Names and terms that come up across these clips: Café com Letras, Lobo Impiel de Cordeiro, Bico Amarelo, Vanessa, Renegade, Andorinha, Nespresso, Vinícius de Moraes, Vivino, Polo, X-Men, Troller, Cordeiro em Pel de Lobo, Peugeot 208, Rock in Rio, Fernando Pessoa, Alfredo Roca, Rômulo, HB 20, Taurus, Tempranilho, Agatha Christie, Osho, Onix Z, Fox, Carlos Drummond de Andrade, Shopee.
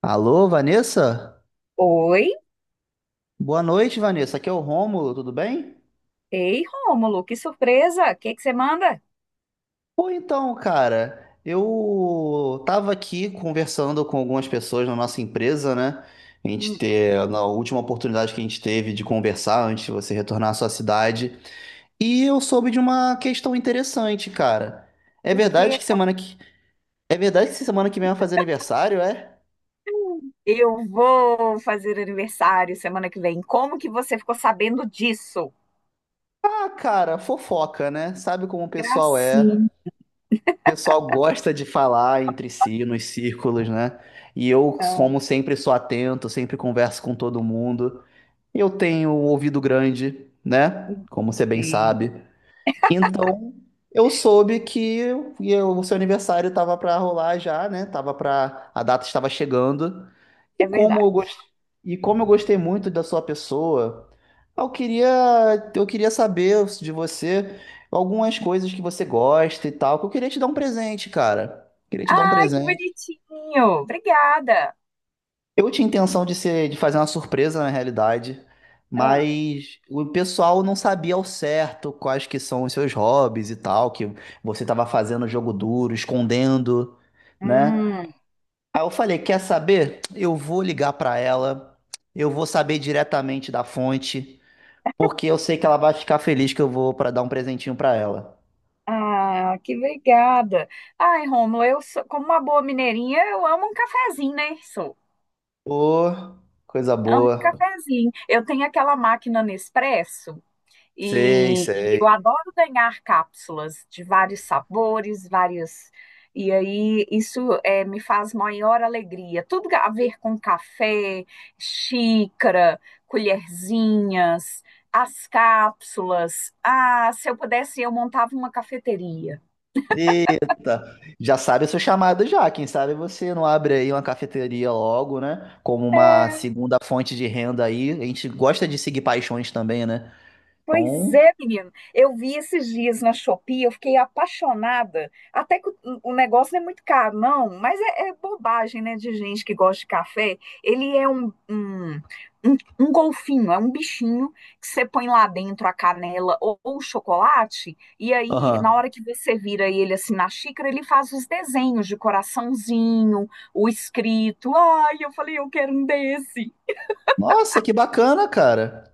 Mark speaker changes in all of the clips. Speaker 1: Alô, Vanessa?
Speaker 2: Oi?
Speaker 1: Boa noite, Vanessa. Aqui é o Rômulo, tudo bem?
Speaker 2: Ei, Rômulo, que surpresa! O que é que você manda?
Speaker 1: Pô, então, cara, eu tava aqui conversando com algumas pessoas na nossa empresa, né? A gente
Speaker 2: Hum.
Speaker 1: ter, na última oportunidade que a gente teve de conversar antes de você retornar à sua cidade, e eu soube de uma questão interessante, cara. É
Speaker 2: O
Speaker 1: verdade
Speaker 2: que?
Speaker 1: que semana que É verdade que semana que vem vai fazer aniversário, é?
Speaker 2: Eu vou fazer aniversário semana que vem. Como que você ficou sabendo disso?
Speaker 1: Ah, cara, fofoca, né? Sabe como o pessoal é.
Speaker 2: Gracinha.
Speaker 1: O pessoal gosta de falar entre si nos círculos, né? E eu, como sempre, sou atento, sempre converso com todo mundo. Eu tenho um ouvido grande, né? Como você bem
Speaker 2: Sim.
Speaker 1: sabe. Então, eu soube que o seu aniversário estava para rolar já, né? Tava para a data estava chegando. E
Speaker 2: É
Speaker 1: como
Speaker 2: verdade.
Speaker 1: eu gos- e como eu gostei muito da sua pessoa, eu queria eu queria saber de você algumas coisas que você gosta e tal, que eu queria te dar um presente, cara. Queria te dar um
Speaker 2: Ai, que
Speaker 1: presente.
Speaker 2: bonitinho! Obrigada.
Speaker 1: Eu tinha intenção de ser, de fazer uma surpresa na realidade,
Speaker 2: Ah.
Speaker 1: mas o pessoal não sabia ao certo quais que são os seus hobbies e tal, que você estava fazendo jogo duro, escondendo, né?
Speaker 2: Hum.
Speaker 1: Aí eu falei, quer saber? Eu vou ligar para ela, eu vou saber diretamente da fonte, porque eu sei que ela vai ficar feliz que eu vou para dar um presentinho para ela.
Speaker 2: Ah, que obrigada. Ai, Rômulo, eu sou, como uma boa mineirinha, eu amo um cafezinho, né? Sou.
Speaker 1: Ô, coisa
Speaker 2: Amo um
Speaker 1: boa.
Speaker 2: cafezinho. Eu tenho aquela máquina Nespresso.
Speaker 1: Sei,
Speaker 2: E eu
Speaker 1: sei.
Speaker 2: adoro ganhar cápsulas de vários sabores, várias. E aí isso me faz maior alegria. Tudo a ver com café, xícara, colherzinhas, as cápsulas. Ah, se eu pudesse, eu montava uma cafeteria.
Speaker 1: Tá. Já sabe o seu chamado já. Quem sabe você não abre aí uma cafeteria logo, né? Como uma
Speaker 2: É.
Speaker 1: segunda fonte de renda aí. A gente gosta de seguir paixões também, né?
Speaker 2: Pois
Speaker 1: Então,
Speaker 2: é, menino. Eu vi esses dias na Shopee, eu fiquei apaixonada. Até que o, negócio não é muito caro, não, mas é, é bobagem, né, de gente que gosta de café. Ele é um golfinho, é um bichinho que você põe lá dentro a canela ou o chocolate, e aí, na
Speaker 1: aham.
Speaker 2: hora que você vira ele assim na xícara, ele faz os desenhos de coraçãozinho, o escrito. Ai, eu falei, eu quero um desse.
Speaker 1: Nossa, que bacana, cara.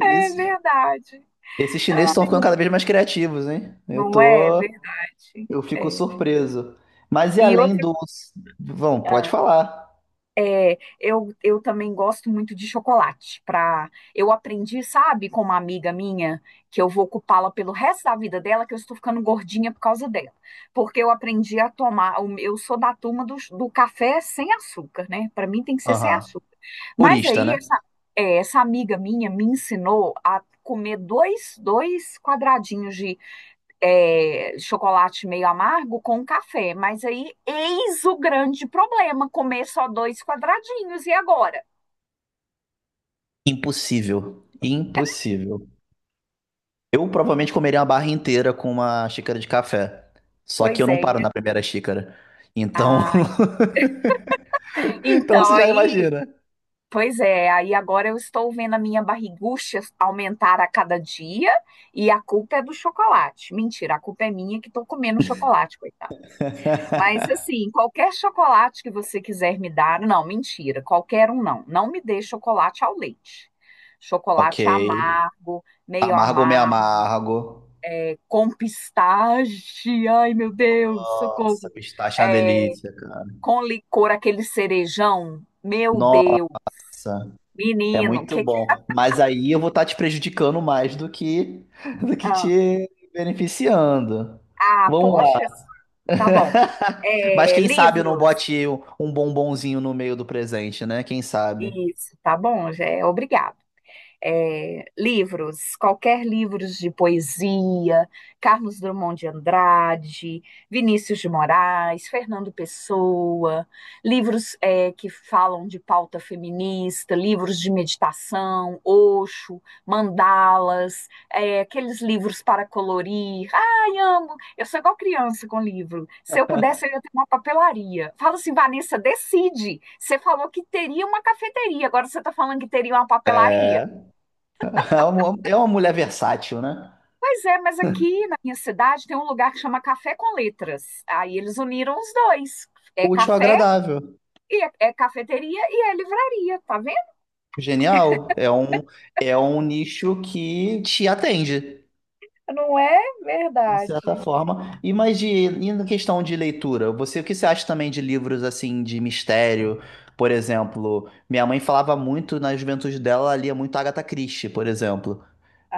Speaker 2: É verdade.
Speaker 1: esses chineses estão ficando cada vez mais criativos, hein? Eu
Speaker 2: Não é
Speaker 1: tô,
Speaker 2: verdade.
Speaker 1: eu fico
Speaker 2: É.
Speaker 1: surpreso. Mas e
Speaker 2: E
Speaker 1: além
Speaker 2: outra,
Speaker 1: dos, vão, pode
Speaker 2: ah,
Speaker 1: falar.
Speaker 2: é, eu também gosto muito de chocolate. Pra, eu aprendi, sabe, com uma amiga minha, que eu vou ocupá-la pelo resto da vida dela, que eu estou ficando gordinha por causa dela. Porque eu aprendi a tomar, eu sou da turma do café sem açúcar, né? Para mim tem que ser sem
Speaker 1: Aham.
Speaker 2: açúcar. Mas
Speaker 1: Purista,
Speaker 2: aí,
Speaker 1: né?
Speaker 2: essa amiga minha me ensinou a comer dois quadradinhos chocolate meio amargo com café. Mas aí, eis o grande problema: comer só dois quadradinhos. E agora?
Speaker 1: Impossível. Impossível. Eu provavelmente comeria uma barra inteira com uma xícara de café. Só que eu
Speaker 2: Pois
Speaker 1: não
Speaker 2: é.
Speaker 1: paro na primeira xícara. Então,
Speaker 2: Ai.
Speaker 1: então
Speaker 2: Então,
Speaker 1: você já
Speaker 2: aí.
Speaker 1: imagina.
Speaker 2: Pois é, aí agora eu estou vendo a minha barrigucha aumentar a cada dia e a culpa é do chocolate. Mentira, a culpa é minha que estou comendo chocolate, coitada. Mas assim, qualquer chocolate que você quiser me dar, não, mentira, qualquer um não. Não me dê chocolate ao leite.
Speaker 1: Ok.
Speaker 2: Chocolate amargo, meio
Speaker 1: Amargo ou meio
Speaker 2: amargo,
Speaker 1: amargo?
Speaker 2: com pistache, ai meu Deus,
Speaker 1: Nossa,
Speaker 2: socorro.
Speaker 1: pistache é uma
Speaker 2: É,
Speaker 1: delícia, cara.
Speaker 2: com licor, aquele cerejão, meu
Speaker 1: Nossa,
Speaker 2: Deus,
Speaker 1: é
Speaker 2: menino,
Speaker 1: muito
Speaker 2: que que.
Speaker 1: bom. Mas aí eu vou estar te prejudicando mais do que do que
Speaker 2: Ah,
Speaker 1: te beneficiando.
Speaker 2: ah,
Speaker 1: Vamos lá.
Speaker 2: poxa, tá bom.
Speaker 1: Mas
Speaker 2: É,
Speaker 1: quem sabe eu não
Speaker 2: livros,
Speaker 1: bote um bombonzinho no meio do presente, né? Quem sabe?
Speaker 2: isso, tá bom, já é obrigado. É, livros, qualquer livros de poesia, Carlos Drummond de Andrade, Vinícius de Moraes, Fernando Pessoa, livros que falam de pauta feminista, livros de meditação, Osho, mandalas, aqueles livros para colorir. Ai, amo! Eu sou igual criança com livro. Se eu pudesse, eu ia ter uma papelaria. Fala assim, Vanessa, decide. Você falou que teria uma cafeteria, agora você está falando que teria uma papelaria.
Speaker 1: É. É uma mulher versátil, né?
Speaker 2: Pois é, mas aqui na minha cidade tem um lugar que chama Café com Letras. Aí eles uniram os dois. É
Speaker 1: Útil,
Speaker 2: café
Speaker 1: agradável,
Speaker 2: e é, é cafeteria e é livraria, tá vendo?
Speaker 1: genial. É um nicho que te atende,
Speaker 2: Não é
Speaker 1: de certa
Speaker 2: verdade.
Speaker 1: forma. E na questão de leitura, você, o que você acha também de livros assim de mistério? Por exemplo, minha mãe falava muito na juventude dela, ela lia muito Agatha Christie, por exemplo.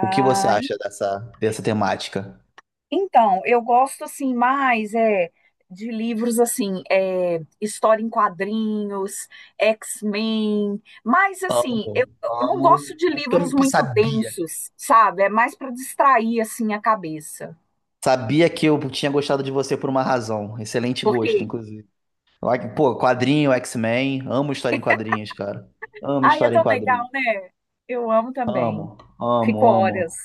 Speaker 1: O que você acha dessa temática?
Speaker 2: então, eu gosto assim mais é de livros assim, história em quadrinhos, X-Men, mas assim,
Speaker 1: Amo.
Speaker 2: eu não
Speaker 1: Amo.
Speaker 2: gosto de
Speaker 1: Por isso que
Speaker 2: livros
Speaker 1: eu
Speaker 2: muito
Speaker 1: sabia.
Speaker 2: densos, sabe? É mais para distrair assim a cabeça.
Speaker 1: Sabia que eu tinha gostado de você por uma razão. Excelente gosto,
Speaker 2: Porque
Speaker 1: inclusive. Like, pô, quadrinho, X-Men. Amo história em quadrinhos, cara. Amo
Speaker 2: Ai, é
Speaker 1: história em
Speaker 2: tão
Speaker 1: quadrinhos.
Speaker 2: legal, né? Eu amo também.
Speaker 1: Amo,
Speaker 2: Fico
Speaker 1: amo,
Speaker 2: horas
Speaker 1: amo.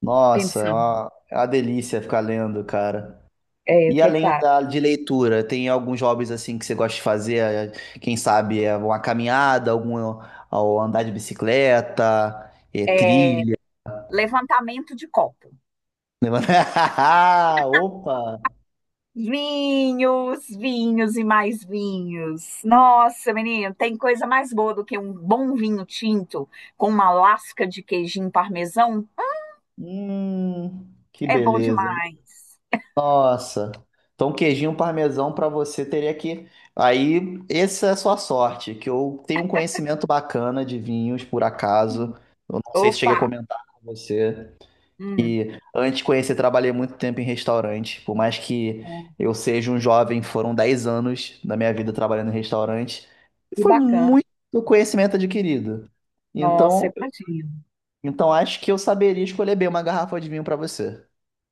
Speaker 1: Nossa,
Speaker 2: pensando.
Speaker 1: é uma delícia ficar lendo, cara.
Speaker 2: É verdade.
Speaker 1: De leitura, tem alguns hobbies assim que você gosta de fazer? É, quem sabe é uma caminhada, algum ou andar de bicicleta, é, trilha.
Speaker 2: Levantamento de copo.
Speaker 1: Opa!
Speaker 2: Vinhos, vinhos e mais vinhos. Nossa, menino, tem coisa mais boa do que um bom vinho tinto com uma lasca de queijinho parmesão?
Speaker 1: Hum, que
Speaker 2: É bom
Speaker 1: beleza.
Speaker 2: demais.
Speaker 1: Nossa. Então, um queijinho parmesão para você teria que. Aí, essa é a sua sorte, que eu tenho um conhecimento bacana de vinhos, por acaso.
Speaker 2: Uhum.
Speaker 1: Eu não sei se cheguei a
Speaker 2: Opa!
Speaker 1: comentar com você.
Speaker 2: Hum.
Speaker 1: E antes de conhecer, trabalhei muito tempo em restaurante. Por mais que
Speaker 2: Hum,
Speaker 1: eu seja um jovem, foram 10 anos da minha vida trabalhando em restaurante. E
Speaker 2: que
Speaker 1: foi
Speaker 2: bacana.
Speaker 1: muito conhecimento adquirido.
Speaker 2: Nossa,
Speaker 1: Então,
Speaker 2: imagina.
Speaker 1: então acho que eu saberia escolher bem uma garrafa de vinho para você.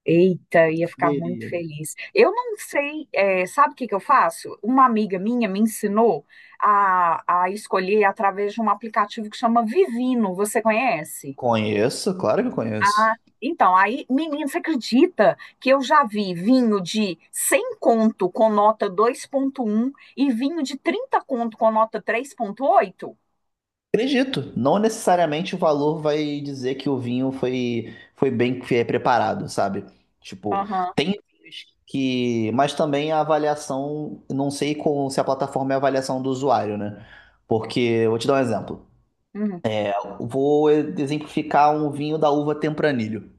Speaker 2: Eita, ia ficar muito
Speaker 1: Saberia.
Speaker 2: feliz. Eu não sei, sabe o que que eu faço? Uma amiga minha me ensinou a escolher através de um aplicativo que chama Vivino. Você conhece?
Speaker 1: Conheço, claro que eu conheço.
Speaker 2: Então, aí, menina, você acredita que eu já vi vinho de 100 conto com nota 2.1 e vinho de 30 conto com nota 3.8?
Speaker 1: Acredito, não necessariamente o valor vai dizer que o vinho foi, foi bem preparado, sabe? Tipo,
Speaker 2: Aham.
Speaker 1: tem vinhos que. Mas também a avaliação, não sei com, se a plataforma é a avaliação do usuário, né? Porque, vou te dar um exemplo.
Speaker 2: Uhum.
Speaker 1: Vou exemplificar um vinho da uva Tempranilho.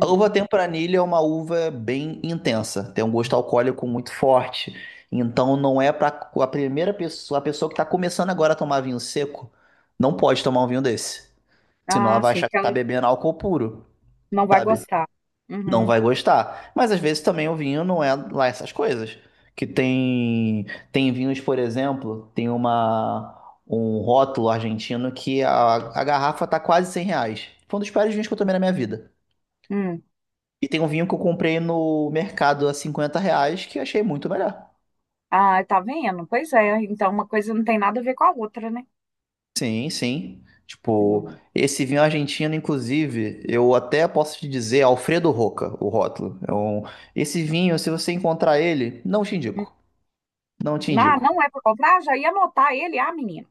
Speaker 1: A uva Tempranilho é uma uva bem intensa, tem um gosto alcoólico muito forte. Então, não é para a primeira pessoa, a pessoa que está começando agora a tomar vinho seco, não pode tomar um vinho desse. Senão ela
Speaker 2: Ah,
Speaker 1: vai
Speaker 2: sim,
Speaker 1: achar que
Speaker 2: porque ela
Speaker 1: tá bebendo álcool puro,
Speaker 2: não vai
Speaker 1: sabe?
Speaker 2: gostar.
Speaker 1: Não
Speaker 2: Uhum.
Speaker 1: vai gostar. Mas às vezes também o vinho não é lá essas coisas. Que tem tem vinhos, por exemplo, tem uma um rótulo argentino a garrafa tá quase R$ 100. Foi um dos piores vinhos que eu tomei na minha vida.
Speaker 2: Uhum.
Speaker 1: E tem um vinho que eu comprei no mercado a R$ 50 que eu achei muito melhor.
Speaker 2: Ah, tá vendo? Pois é, então uma coisa não tem nada a ver com a outra, né?
Speaker 1: Sim, sim. Tipo,
Speaker 2: Hum.
Speaker 1: esse vinho argentino, inclusive, eu até posso te dizer Alfredo Roca, o rótulo. Esse vinho, se você encontrar ele, não te
Speaker 2: Hum.
Speaker 1: indico. Não te
Speaker 2: Não,
Speaker 1: indico.
Speaker 2: não é para comprar, já ia anotar ele, ah, menino,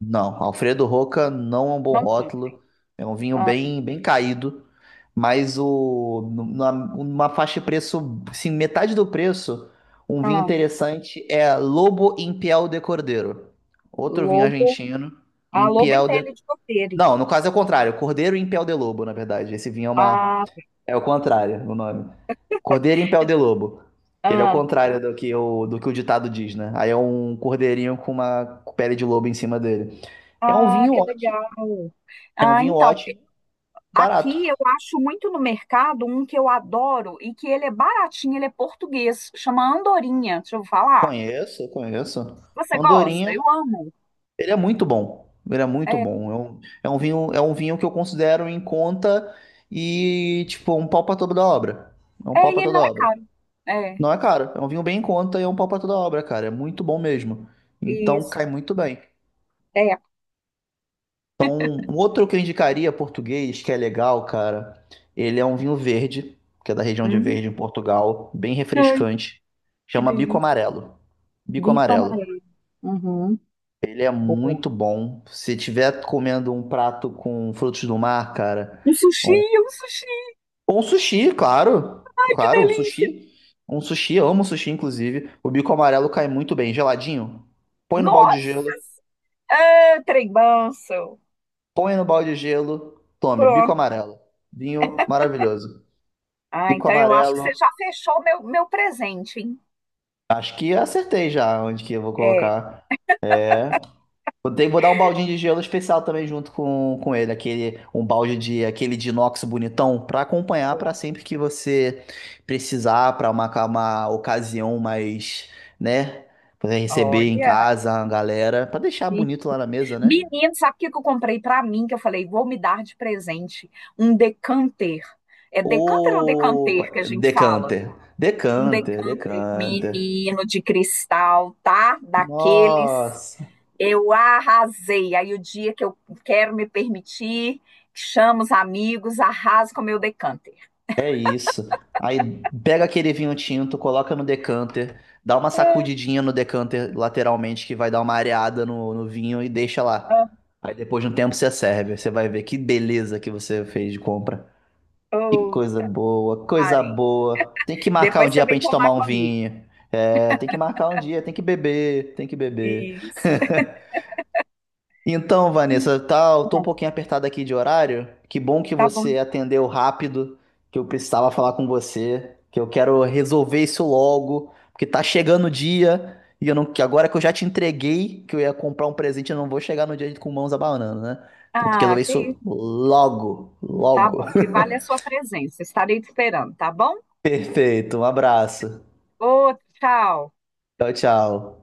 Speaker 1: Não, Alfredo Roca não é um bom
Speaker 2: não compra.
Speaker 1: rótulo. É um vinho
Speaker 2: Ah,
Speaker 1: bem, bem caído. Mas o, numa faixa de preço, assim, metade do preço, um vinho
Speaker 2: ah,
Speaker 1: interessante é Lobo Impiel de Cordeiro. Outro vinho
Speaker 2: lobo,
Speaker 1: argentino,
Speaker 2: ah, lobo em
Speaker 1: Impiel
Speaker 2: pele
Speaker 1: de
Speaker 2: de cordeiro.
Speaker 1: Não, no caso é o contrário. Cordeiro em Pel de Lobo, na verdade. Esse vinho é uma.
Speaker 2: Ah,
Speaker 1: É o contrário, o nome. Cordeiro em Pel de Lobo. Que ele é o
Speaker 2: ah,
Speaker 1: contrário do que do que o ditado diz, né? Aí é um cordeirinho com uma pele de lobo em cima dele. É um
Speaker 2: ah,
Speaker 1: vinho
Speaker 2: que
Speaker 1: ótimo.
Speaker 2: legal.
Speaker 1: É um
Speaker 2: Ah,
Speaker 1: vinho
Speaker 2: então,
Speaker 1: ótimo, barato.
Speaker 2: aqui eu acho muito no mercado um que eu adoro e que ele é baratinho, ele é português, chama Andorinha, deixa eu falar.
Speaker 1: Conheço, conheço.
Speaker 2: Você gosta?
Speaker 1: Andorinha,
Speaker 2: Eu amo.
Speaker 1: ele é muito bom. Ele é muito
Speaker 2: É,
Speaker 1: bom. É um vinho que eu considero em conta e, tipo, um pau pra toda obra. É um
Speaker 2: é,
Speaker 1: pau
Speaker 2: e
Speaker 1: pra
Speaker 2: ele
Speaker 1: toda
Speaker 2: não é
Speaker 1: obra.
Speaker 2: caro. É,
Speaker 1: Não é caro, é um vinho bem em conta e é um pau pra toda obra, cara. É muito bom mesmo. Então
Speaker 2: isso.
Speaker 1: cai muito bem.
Speaker 2: É.
Speaker 1: Um outro que eu indicaria português, que é legal, cara, ele é um vinho verde, que é da região de
Speaker 2: Hum.
Speaker 1: Verde, em Portugal, bem refrescante.
Speaker 2: Que
Speaker 1: Chama Bico
Speaker 2: delícia.
Speaker 1: Amarelo. Bico
Speaker 2: Bico
Speaker 1: Amarelo.
Speaker 2: amarelo. Uhum.
Speaker 1: Ele é
Speaker 2: Boa.
Speaker 1: muito bom. Se tiver comendo um prato com frutos do mar, cara,
Speaker 2: Um sushi,
Speaker 1: um,
Speaker 2: um sushi,
Speaker 1: ou um sushi, claro.
Speaker 2: que
Speaker 1: Claro, um
Speaker 2: delícia.
Speaker 1: sushi. Um sushi, eu amo sushi, inclusive. O bico amarelo cai muito bem, geladinho. Põe no balde de
Speaker 2: Nossa,
Speaker 1: gelo.
Speaker 2: ah, trem manso.
Speaker 1: Põe no balde de gelo, tome, bico
Speaker 2: Pronto.
Speaker 1: amarelo. Vinho maravilhoso.
Speaker 2: Ah,
Speaker 1: Bico
Speaker 2: então eu acho que você
Speaker 1: amarelo.
Speaker 2: já fechou meu presente, hein?
Speaker 1: Acho que acertei já onde que eu vou
Speaker 2: É.
Speaker 1: colocar. Vou ter, vou dar um baldinho de gelo especial também junto com ele, aquele um balde de aquele de inox bonitão pra acompanhar pra sempre que você precisar pra uma ocasião mais, né, poder receber em
Speaker 2: Olha,
Speaker 1: casa a galera, pra deixar
Speaker 2: aqui.
Speaker 1: bonito lá na mesa, né?
Speaker 2: Menino, sabe o que que eu comprei pra mim? Que eu falei, vou me dar de presente um decanter. É decanter ou
Speaker 1: Opa,
Speaker 2: decanter que a gente fala?
Speaker 1: decanter,
Speaker 2: Um
Speaker 1: decanter,
Speaker 2: decanter,
Speaker 1: decanter.
Speaker 2: menino de cristal, tá? Daqueles.
Speaker 1: Nossa,
Speaker 2: Eu arrasei. Aí o dia que eu quero me permitir, chamo os amigos, arraso com o meu decanter.
Speaker 1: é isso. Aí pega aquele vinho tinto, coloca no decanter, dá uma sacudidinha no decanter lateralmente, que vai dar uma areada no vinho e deixa lá.
Speaker 2: Ah,
Speaker 1: Aí depois de um tempo você serve. Você vai ver que beleza que você fez de compra. Que
Speaker 2: oh,
Speaker 1: coisa boa, coisa
Speaker 2: parei.
Speaker 1: boa. Tem que marcar um
Speaker 2: Depois você
Speaker 1: dia pra
Speaker 2: vem
Speaker 1: gente
Speaker 2: tomar
Speaker 1: tomar um
Speaker 2: comigo.
Speaker 1: vinho. É, tem que marcar um dia, tem que beber, tem que beber.
Speaker 2: Isso.
Speaker 1: Então, Vanessa, tá, eu tô um pouquinho apertado aqui de horário. Que bom que
Speaker 2: Tá bom.
Speaker 1: você atendeu rápido, que eu precisava falar com você, que eu quero resolver isso logo, porque tá chegando o dia e eu não, que agora que eu já te entreguei que eu ia comprar um presente, eu não vou chegar no dia com mãos abanando, né? Então tem que
Speaker 2: Ah,
Speaker 1: resolver
Speaker 2: que
Speaker 1: isso logo,
Speaker 2: tá
Speaker 1: logo.
Speaker 2: bom. Que vale a sua presença. Estarei te esperando, tá bom?
Speaker 1: Perfeito, um abraço.
Speaker 2: Ô, tchau.
Speaker 1: Tchau, tchau.